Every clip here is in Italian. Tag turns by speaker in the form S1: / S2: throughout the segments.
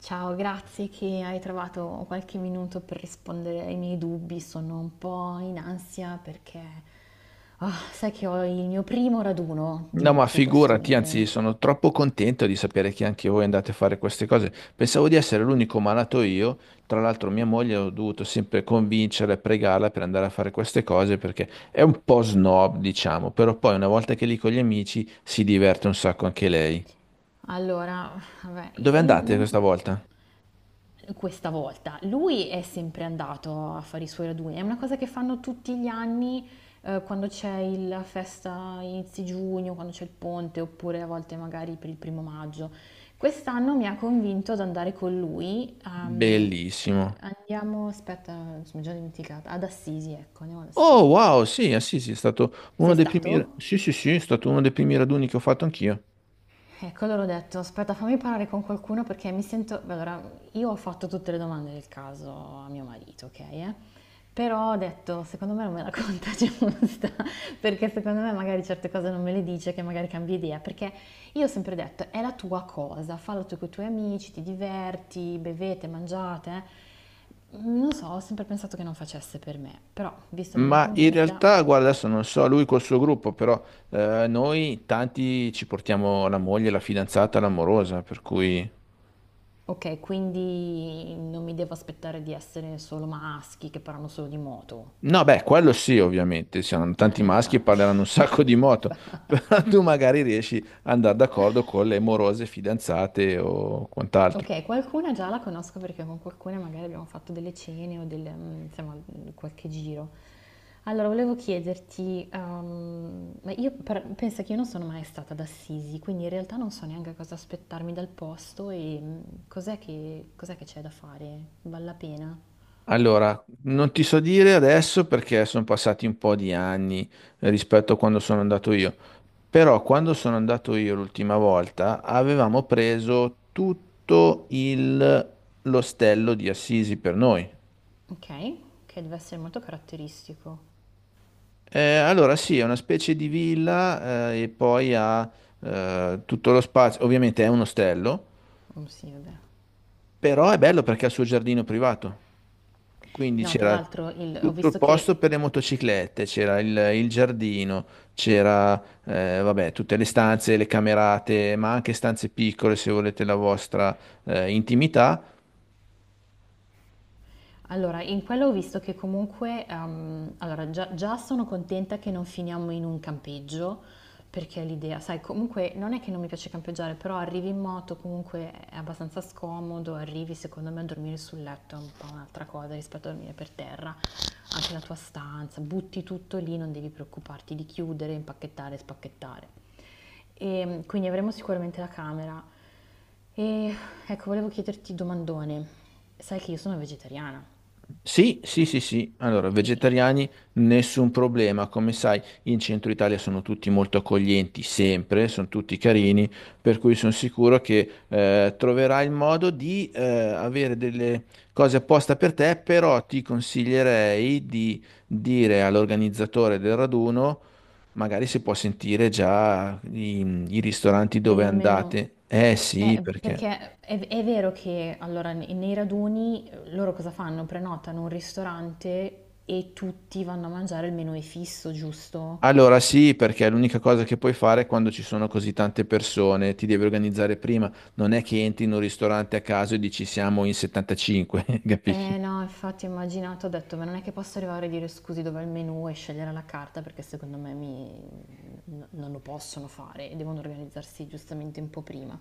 S1: Ciao, grazie che hai trovato qualche minuto per rispondere ai miei dubbi. Sono un po' in ansia perché sai che ho il mio primo raduno di
S2: No, ma
S1: moto questo
S2: figurati, anzi,
S1: mese.
S2: sono troppo contento di sapere che anche voi andate a fare queste cose. Pensavo di essere l'unico malato io. Tra l'altro, mia moglie ho dovuto sempre convincere e pregarla per andare a fare queste cose perché è un po' snob, diciamo, però poi una volta che è lì con gli amici si diverte un sacco anche lei.
S1: Allora, vabbè,
S2: Dove
S1: io
S2: andate
S1: non.
S2: questa volta?
S1: Questa volta lui è sempre andato a fare i suoi raduni, è una cosa che fanno tutti gli anni, quando c'è la festa inizio giugno, quando c'è il ponte, oppure a volte magari per il primo maggio. Quest'anno mi ha convinto ad andare con lui.
S2: Bellissimo.
S1: Andiamo, aspetta, mi sono già dimenticata, ad Assisi, ecco, andiamo ad
S2: Oh,
S1: Assisi.
S2: wow, sì, sì, sì, è stato uno
S1: Sei
S2: dei primi...
S1: stato?
S2: Sì, sì, sì, è stato uno dei primi raduni che ho fatto anch'io.
S1: Ecco, allora ho detto, aspetta, fammi parlare con qualcuno perché mi sento. Beh, allora, io ho fatto tutte le domande del caso a mio marito, ok? Eh? Però ho detto, secondo me non me la conta giusta, perché secondo me magari certe cose non me le dice, che magari cambia idea, perché io ho sempre detto, è la tua cosa, fallo tu con i tuoi amici, ti diverti, bevete, mangiate. Eh? Non so, ho sempre pensato che non facesse per me, però visto che mi ha
S2: Ma in
S1: convinta.
S2: realtà, guarda, adesso non so lui col suo gruppo, però noi tanti ci portiamo la moglie, la fidanzata, l'amorosa, per cui...
S1: Okay, quindi non mi devo aspettare di essere solo maschi che parlano solo di moto.
S2: No, beh, quello sì, ovviamente, siamo tanti maschi e
S1: Infatti.
S2: parleranno un sacco di moto, però tu magari riesci ad andare d'accordo con le morose fidanzate o quant'altro.
S1: Okay, qualcuna già la conosco perché con qualcuna magari abbiamo fatto delle cene o delle, insomma, qualche giro. Allora volevo chiederti, ma io per pensa che io non sono mai stata ad Assisi, quindi in realtà non so neanche cosa aspettarmi dal posto e, cos'è che c'è da fare? Val la pena?
S2: Allora, non ti so dire adesso perché sono passati un po' di anni rispetto a quando sono andato io, però quando sono andato io l'ultima volta avevamo preso tutto l'ostello di Assisi per noi.
S1: Okay, che deve essere molto caratteristico.
S2: Allora sì, è una specie di villa e poi ha tutto lo spazio, ovviamente è un ostello,
S1: Oh, sì, vabbè.
S2: però è bello perché ha il suo giardino privato. Quindi
S1: No, tra
S2: c'era
S1: l'altro ho
S2: tutto il
S1: visto
S2: posto
S1: che.
S2: per le motociclette, c'era il giardino, c'era vabbè, tutte le stanze, le camerate, ma anche stanze piccole se volete la vostra intimità.
S1: Allora, in quello ho visto che comunque, allora già sono contenta che non finiamo in un campeggio, perché l'idea, sai, comunque non è che non mi piace campeggiare, però arrivi in moto, comunque è abbastanza scomodo, arrivi secondo me a dormire sul letto è un po' un'altra cosa rispetto a dormire per terra, anche la tua stanza, butti tutto lì, non devi preoccuparti di chiudere, impacchettare, spacchettare. E, quindi avremo sicuramente la camera. E ecco, volevo chiederti domandone, sai che io sono vegetariana.
S2: Sì, sì, sì, sì. Allora,
S1: Eh.
S2: vegetariani, nessun problema. Come sai, in centro Italia sono tutti molto accoglienti, sempre, sono tutti carini, per cui sono sicuro che troverai il modo di avere delle cose apposta per te, però ti consiglierei di dire all'organizzatore del raduno, magari se può sentire già i ristoranti
S1: Per
S2: dove
S1: il meno.
S2: andate. Eh sì, perché...
S1: Perché è vero che allora nei raduni, loro cosa fanno? Prenotano un ristorante e tutti vanno a mangiare il menù è fisso, giusto?
S2: Allora sì, perché è l'unica cosa che puoi fare quando ci sono così tante persone, ti devi organizzare prima, non è che entri in un ristorante a caso e dici siamo in 75, capisci?
S1: Eh no, infatti ho immaginato, ho detto: "Ma non è che posso arrivare e dire: "Scusi, dov'è il menù?" E scegliere la carta perché secondo me mi n non lo possono fare e devono organizzarsi giustamente un po' prima.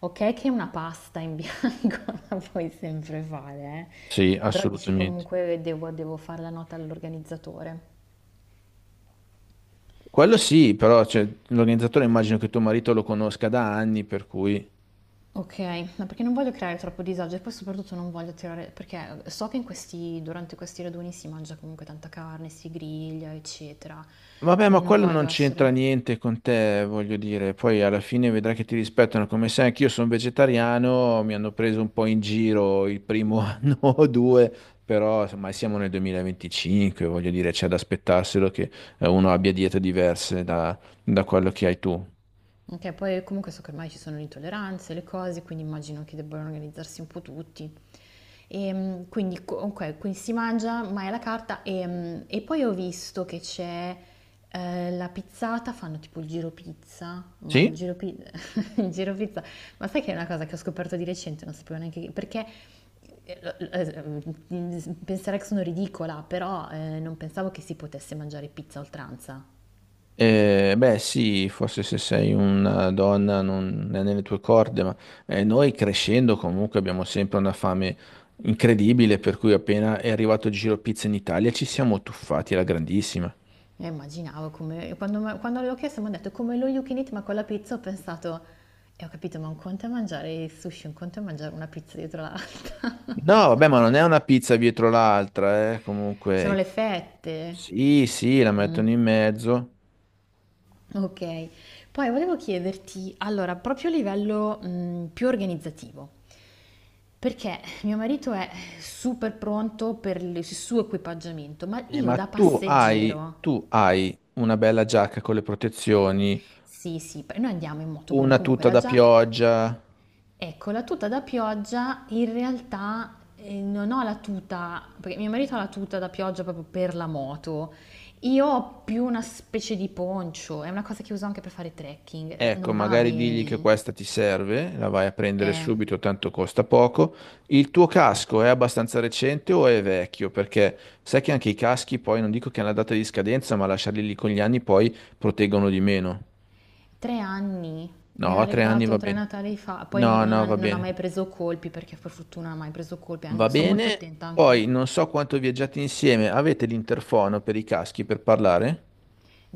S1: Okay che una pasta in bianco la puoi sempre fare,
S2: Sì,
S1: però dici
S2: assolutamente.
S1: comunque devo fare la nota all'organizzatore.
S2: Quello sì, però cioè, l'organizzatore immagino che tuo marito lo conosca da anni, per cui...
S1: Okay, ma perché non voglio creare troppo disagio e poi soprattutto non voglio tirare perché so che in questi durante questi raduni si mangia comunque tanta carne, si griglia, eccetera,
S2: Vabbè, ma
S1: quindi non
S2: quello non
S1: voglio
S2: c'entra
S1: essere.
S2: niente con te, voglio dire. Poi alla fine vedrai che ti rispettano. Come sai, anch'io sono vegetariano, mi hanno preso un po' in giro il primo anno o due, però insomma siamo nel 2025, voglio dire, c'è da aspettarselo che uno abbia diete diverse da quello che hai tu.
S1: Ok, poi comunque so che ormai ci sono le intolleranze, le cose, quindi immagino che debbano organizzarsi un po' tutti. E, quindi, ok, quindi si mangia, ma è alla carta. E, e poi ho visto che c'è la pizzata, fanno tipo il giro pizza, ma il
S2: Sì?
S1: giro, il giro pizza, ma sai che è una cosa che ho scoperto di recente, non sapevo neanche perché eh, eh, penserei che sono ridicola, però non pensavo che si potesse mangiare pizza a oltranza.
S2: Beh, sì, forse se sei una donna non è nelle tue corde, ma noi crescendo comunque abbiamo sempre una fame incredibile, per cui appena è arrivato il Giro Pizza in Italia ci siamo tuffati alla grandissima.
S1: Io immaginavo come, quando, quando l'ho chiesto mi hanno detto come lo you can eat ma con la pizza ho pensato e ho capito ma un conto è mangiare il sushi, un conto è mangiare una pizza dietro l'altra.
S2: No, vabbè, ma non è una pizza dietro l'altra,
S1: Sono
S2: comunque.
S1: le fette.
S2: Sì, sì, la
S1: Mm,
S2: mettono in mezzo.
S1: ok, poi volevo chiederti, allora, proprio a livello più organizzativo, perché mio marito è super pronto per il suo equipaggiamento, ma io
S2: Ma
S1: da passeggero.
S2: tu hai una bella giacca con le protezioni,
S1: Sì, sì, noi andiamo in moto, quindi
S2: una
S1: comunque
S2: tuta
S1: la
S2: da
S1: giacca.
S2: pioggia.
S1: Ecco, la tuta da pioggia in realtà, non ho la tuta, perché mio marito ha la tuta da pioggia proprio per la moto. Io ho più una specie di poncho, è una cosa che uso anche per fare trekking,
S2: Ecco,
S1: non va
S2: magari digli che
S1: bene.
S2: questa ti serve, la vai a prendere
S1: Eh,
S2: subito, tanto costa poco. Il tuo casco è abbastanza recente o è vecchio? Perché sai che anche i caschi poi non dico che hanno la data di scadenza, ma lasciarli lì con gli anni poi proteggono di meno.
S1: 3 anni,
S2: No,
S1: me l'ha
S2: a 3 anni
S1: regalato
S2: va
S1: tre
S2: bene.
S1: Natali fa, poi
S2: No,
S1: non, non
S2: no,
S1: ha,
S2: va
S1: non ha
S2: bene.
S1: mai preso colpi perché per fortuna non ha mai preso colpi,
S2: Va
S1: sono molto
S2: bene.
S1: attenta anche.
S2: Poi non so quanto viaggiate insieme, avete l'interfono per i caschi per parlare?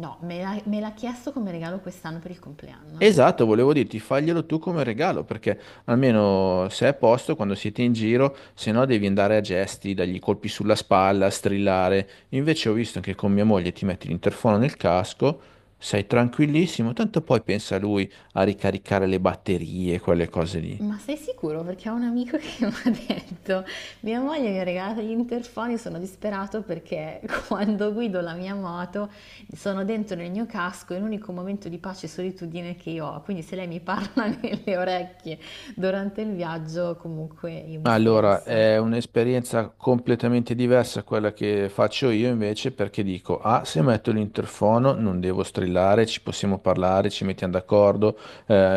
S1: No, me l'ha chiesto come regalo quest'anno per il compleanno.
S2: Esatto, volevo dirti, faglielo tu come regalo, perché almeno se è a posto, quando siete in giro, se no devi andare a gesti, dargli colpi sulla spalla, strillare. Invece ho visto che con mia moglie ti metti l'interfono nel casco, sei tranquillissimo, tanto poi pensa lui a ricaricare le batterie, quelle cose lì.
S1: Ma sei sicuro? Perché ho un amico che mi ha detto, mia moglie mi ha regalato gli interfoni, sono disperato perché quando guido la mia moto sono dentro nel mio casco, è l'unico momento di pace e solitudine che io ho, quindi se lei mi parla nelle orecchie durante il viaggio, comunque io mi
S2: Allora, è
S1: stresso.
S2: un'esperienza completamente diversa a quella che faccio io invece perché dico, ah, se metto l'interfono non devo strillare, ci possiamo parlare, ci mettiamo d'accordo,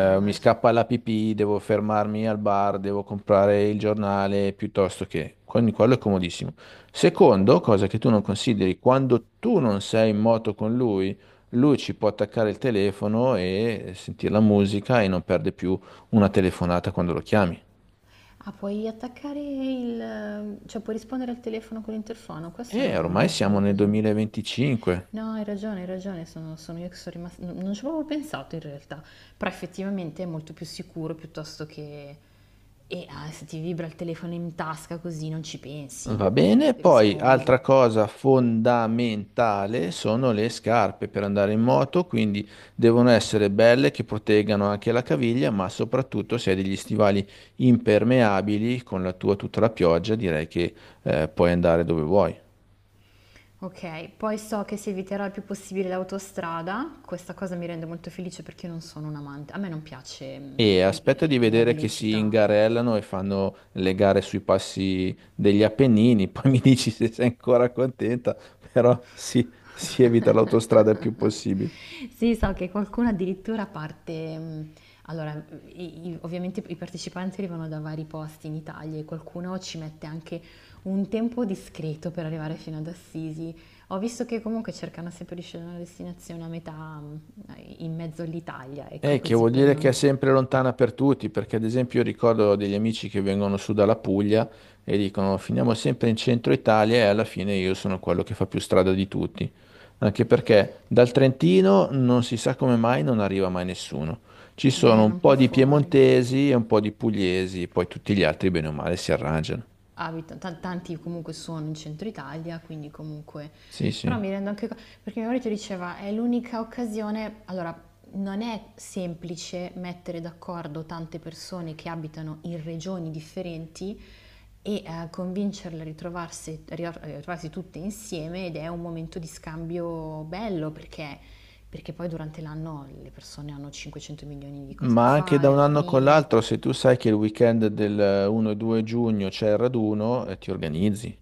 S2: mi
S1: Immagino.
S2: scappa la pipì, devo fermarmi al bar, devo comprare il giornale piuttosto che... Quindi quello è comodissimo. Secondo, cosa che tu non consideri, quando tu non sei in moto con lui, lui ci può attaccare il telefono e sentire la musica e non perde più una telefonata quando lo chiami.
S1: Ah, puoi attaccare il, cioè puoi rispondere al telefono con l'interfono, questo
S2: E
S1: non,
S2: ormai
S1: non
S2: siamo
S1: c'avevo
S2: nel
S1: presente.
S2: 2025.
S1: No, hai ragione, sono io che sono rimasta, non ci avevo pensato in realtà, però effettivamente è molto più sicuro piuttosto che. E se ti vibra il telefono in tasca così non ci pensi,
S2: Va bene, poi
S1: rispondi.
S2: altra cosa fondamentale sono le scarpe per andare in moto, quindi devono essere belle che proteggano anche la caviglia, ma soprattutto se hai degli stivali impermeabili con la tua tutta la pioggia, direi che puoi andare dove vuoi.
S1: Ok, poi so che si eviterà il più possibile l'autostrada, questa cosa mi rende molto felice perché io non sono un amante, a me non piace,
S2: E aspetta di
S1: la
S2: vedere che si
S1: velocità.
S2: ingarellano e fanno le gare sui passi degli Appennini, poi mi dici se sei ancora contenta, però sì, si evita l'autostrada il più possibile.
S1: Sì, so che qualcuno addirittura parte, allora, ovviamente i partecipanti arrivano da vari posti in Italia e qualcuno ci mette anche un tempo discreto per arrivare fino ad Assisi. Ho visto che comunque cercano sempre di scegliere una destinazione a metà, mh, in mezzo all'Italia, ecco
S2: Che
S1: così
S2: vuol
S1: per
S2: dire che è
S1: non.
S2: sempre lontana per tutti, perché ad esempio io ricordo degli amici che vengono su dalla Puglia e dicono finiamo sempre in centro Italia e alla fine io sono quello che fa più strada di tutti. Anche perché dal Trentino non si sa come mai non arriva mai nessuno. Ci sono
S1: Beh,
S2: un
S1: un po'
S2: po' di
S1: fuori.
S2: piemontesi e un po' di pugliesi, poi tutti gli altri bene o male si arrangiano.
S1: Abitano, tanti comunque sono in centro Italia, quindi comunque.
S2: Sì, sì.
S1: Però mi rendo anche conto, perché mio marito diceva, è l'unica occasione, allora non è semplice mettere d'accordo tante persone che abitano in regioni differenti e convincerle a ritrovarsi tutte insieme ed è un momento di scambio bello perché, poi durante l'anno le persone hanno 500 milioni di cose da
S2: Ma anche da
S1: fare,
S2: un
S1: la
S2: anno con
S1: famiglia.
S2: l'altro, se tu sai che il weekend del 1 e 2 giugno c'è il raduno, ti organizzi.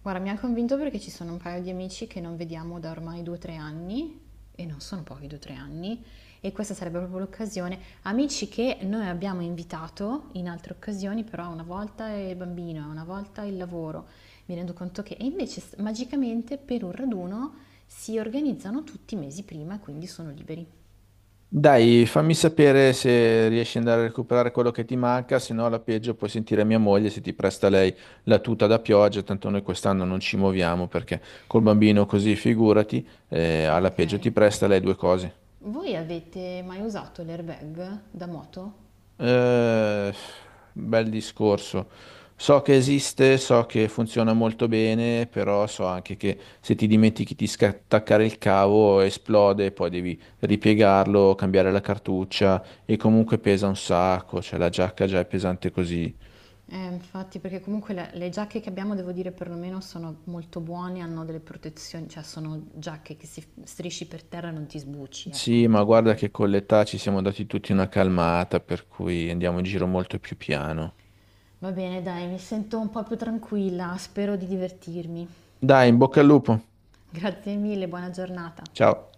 S1: Guarda, mi ha convinto perché ci sono un paio di amici che non vediamo da ormai 2 o 3 anni, e non sono pochi 2 o 3 anni, e questa sarebbe proprio l'occasione. Amici che noi abbiamo invitato in altre occasioni, però una volta è il bambino, una volta il lavoro. Mi rendo conto che, e invece magicamente per un raduno si organizzano tutti i mesi prima, e quindi sono liberi.
S2: Dai, fammi sapere se riesci ad andare a recuperare quello che ti manca, se no alla peggio puoi sentire mia moglie se ti presta lei la tuta da pioggia, tanto noi quest'anno non ci muoviamo perché col bambino così figurati,
S1: Ah,
S2: alla peggio
S1: ok.
S2: ti presta lei 2 cose.
S1: Voi avete mai usato l'airbag da moto?
S2: Eh, bel discorso. So che esiste, so che funziona molto bene, però so anche che se ti dimentichi di attaccare il cavo esplode, poi devi ripiegarlo, cambiare la cartuccia e comunque pesa un sacco, cioè la giacca già è pesante così.
S1: Infatti, perché comunque le giacche che abbiamo, devo dire, perlomeno sono molto buone, hanno delle protezioni, cioè sono giacche che si strisci per terra e non ti sbucci, ecco,
S2: Sì,
S1: non
S2: ma
S1: ti fai.
S2: guarda che con l'età ci siamo dati tutti una calmata, per cui andiamo in giro molto più piano.
S1: Va bene, dai, mi sento un po' più tranquilla, spero di divertirmi.
S2: Dai, in bocca al lupo.
S1: Grazie mille, buona giornata.
S2: Ciao.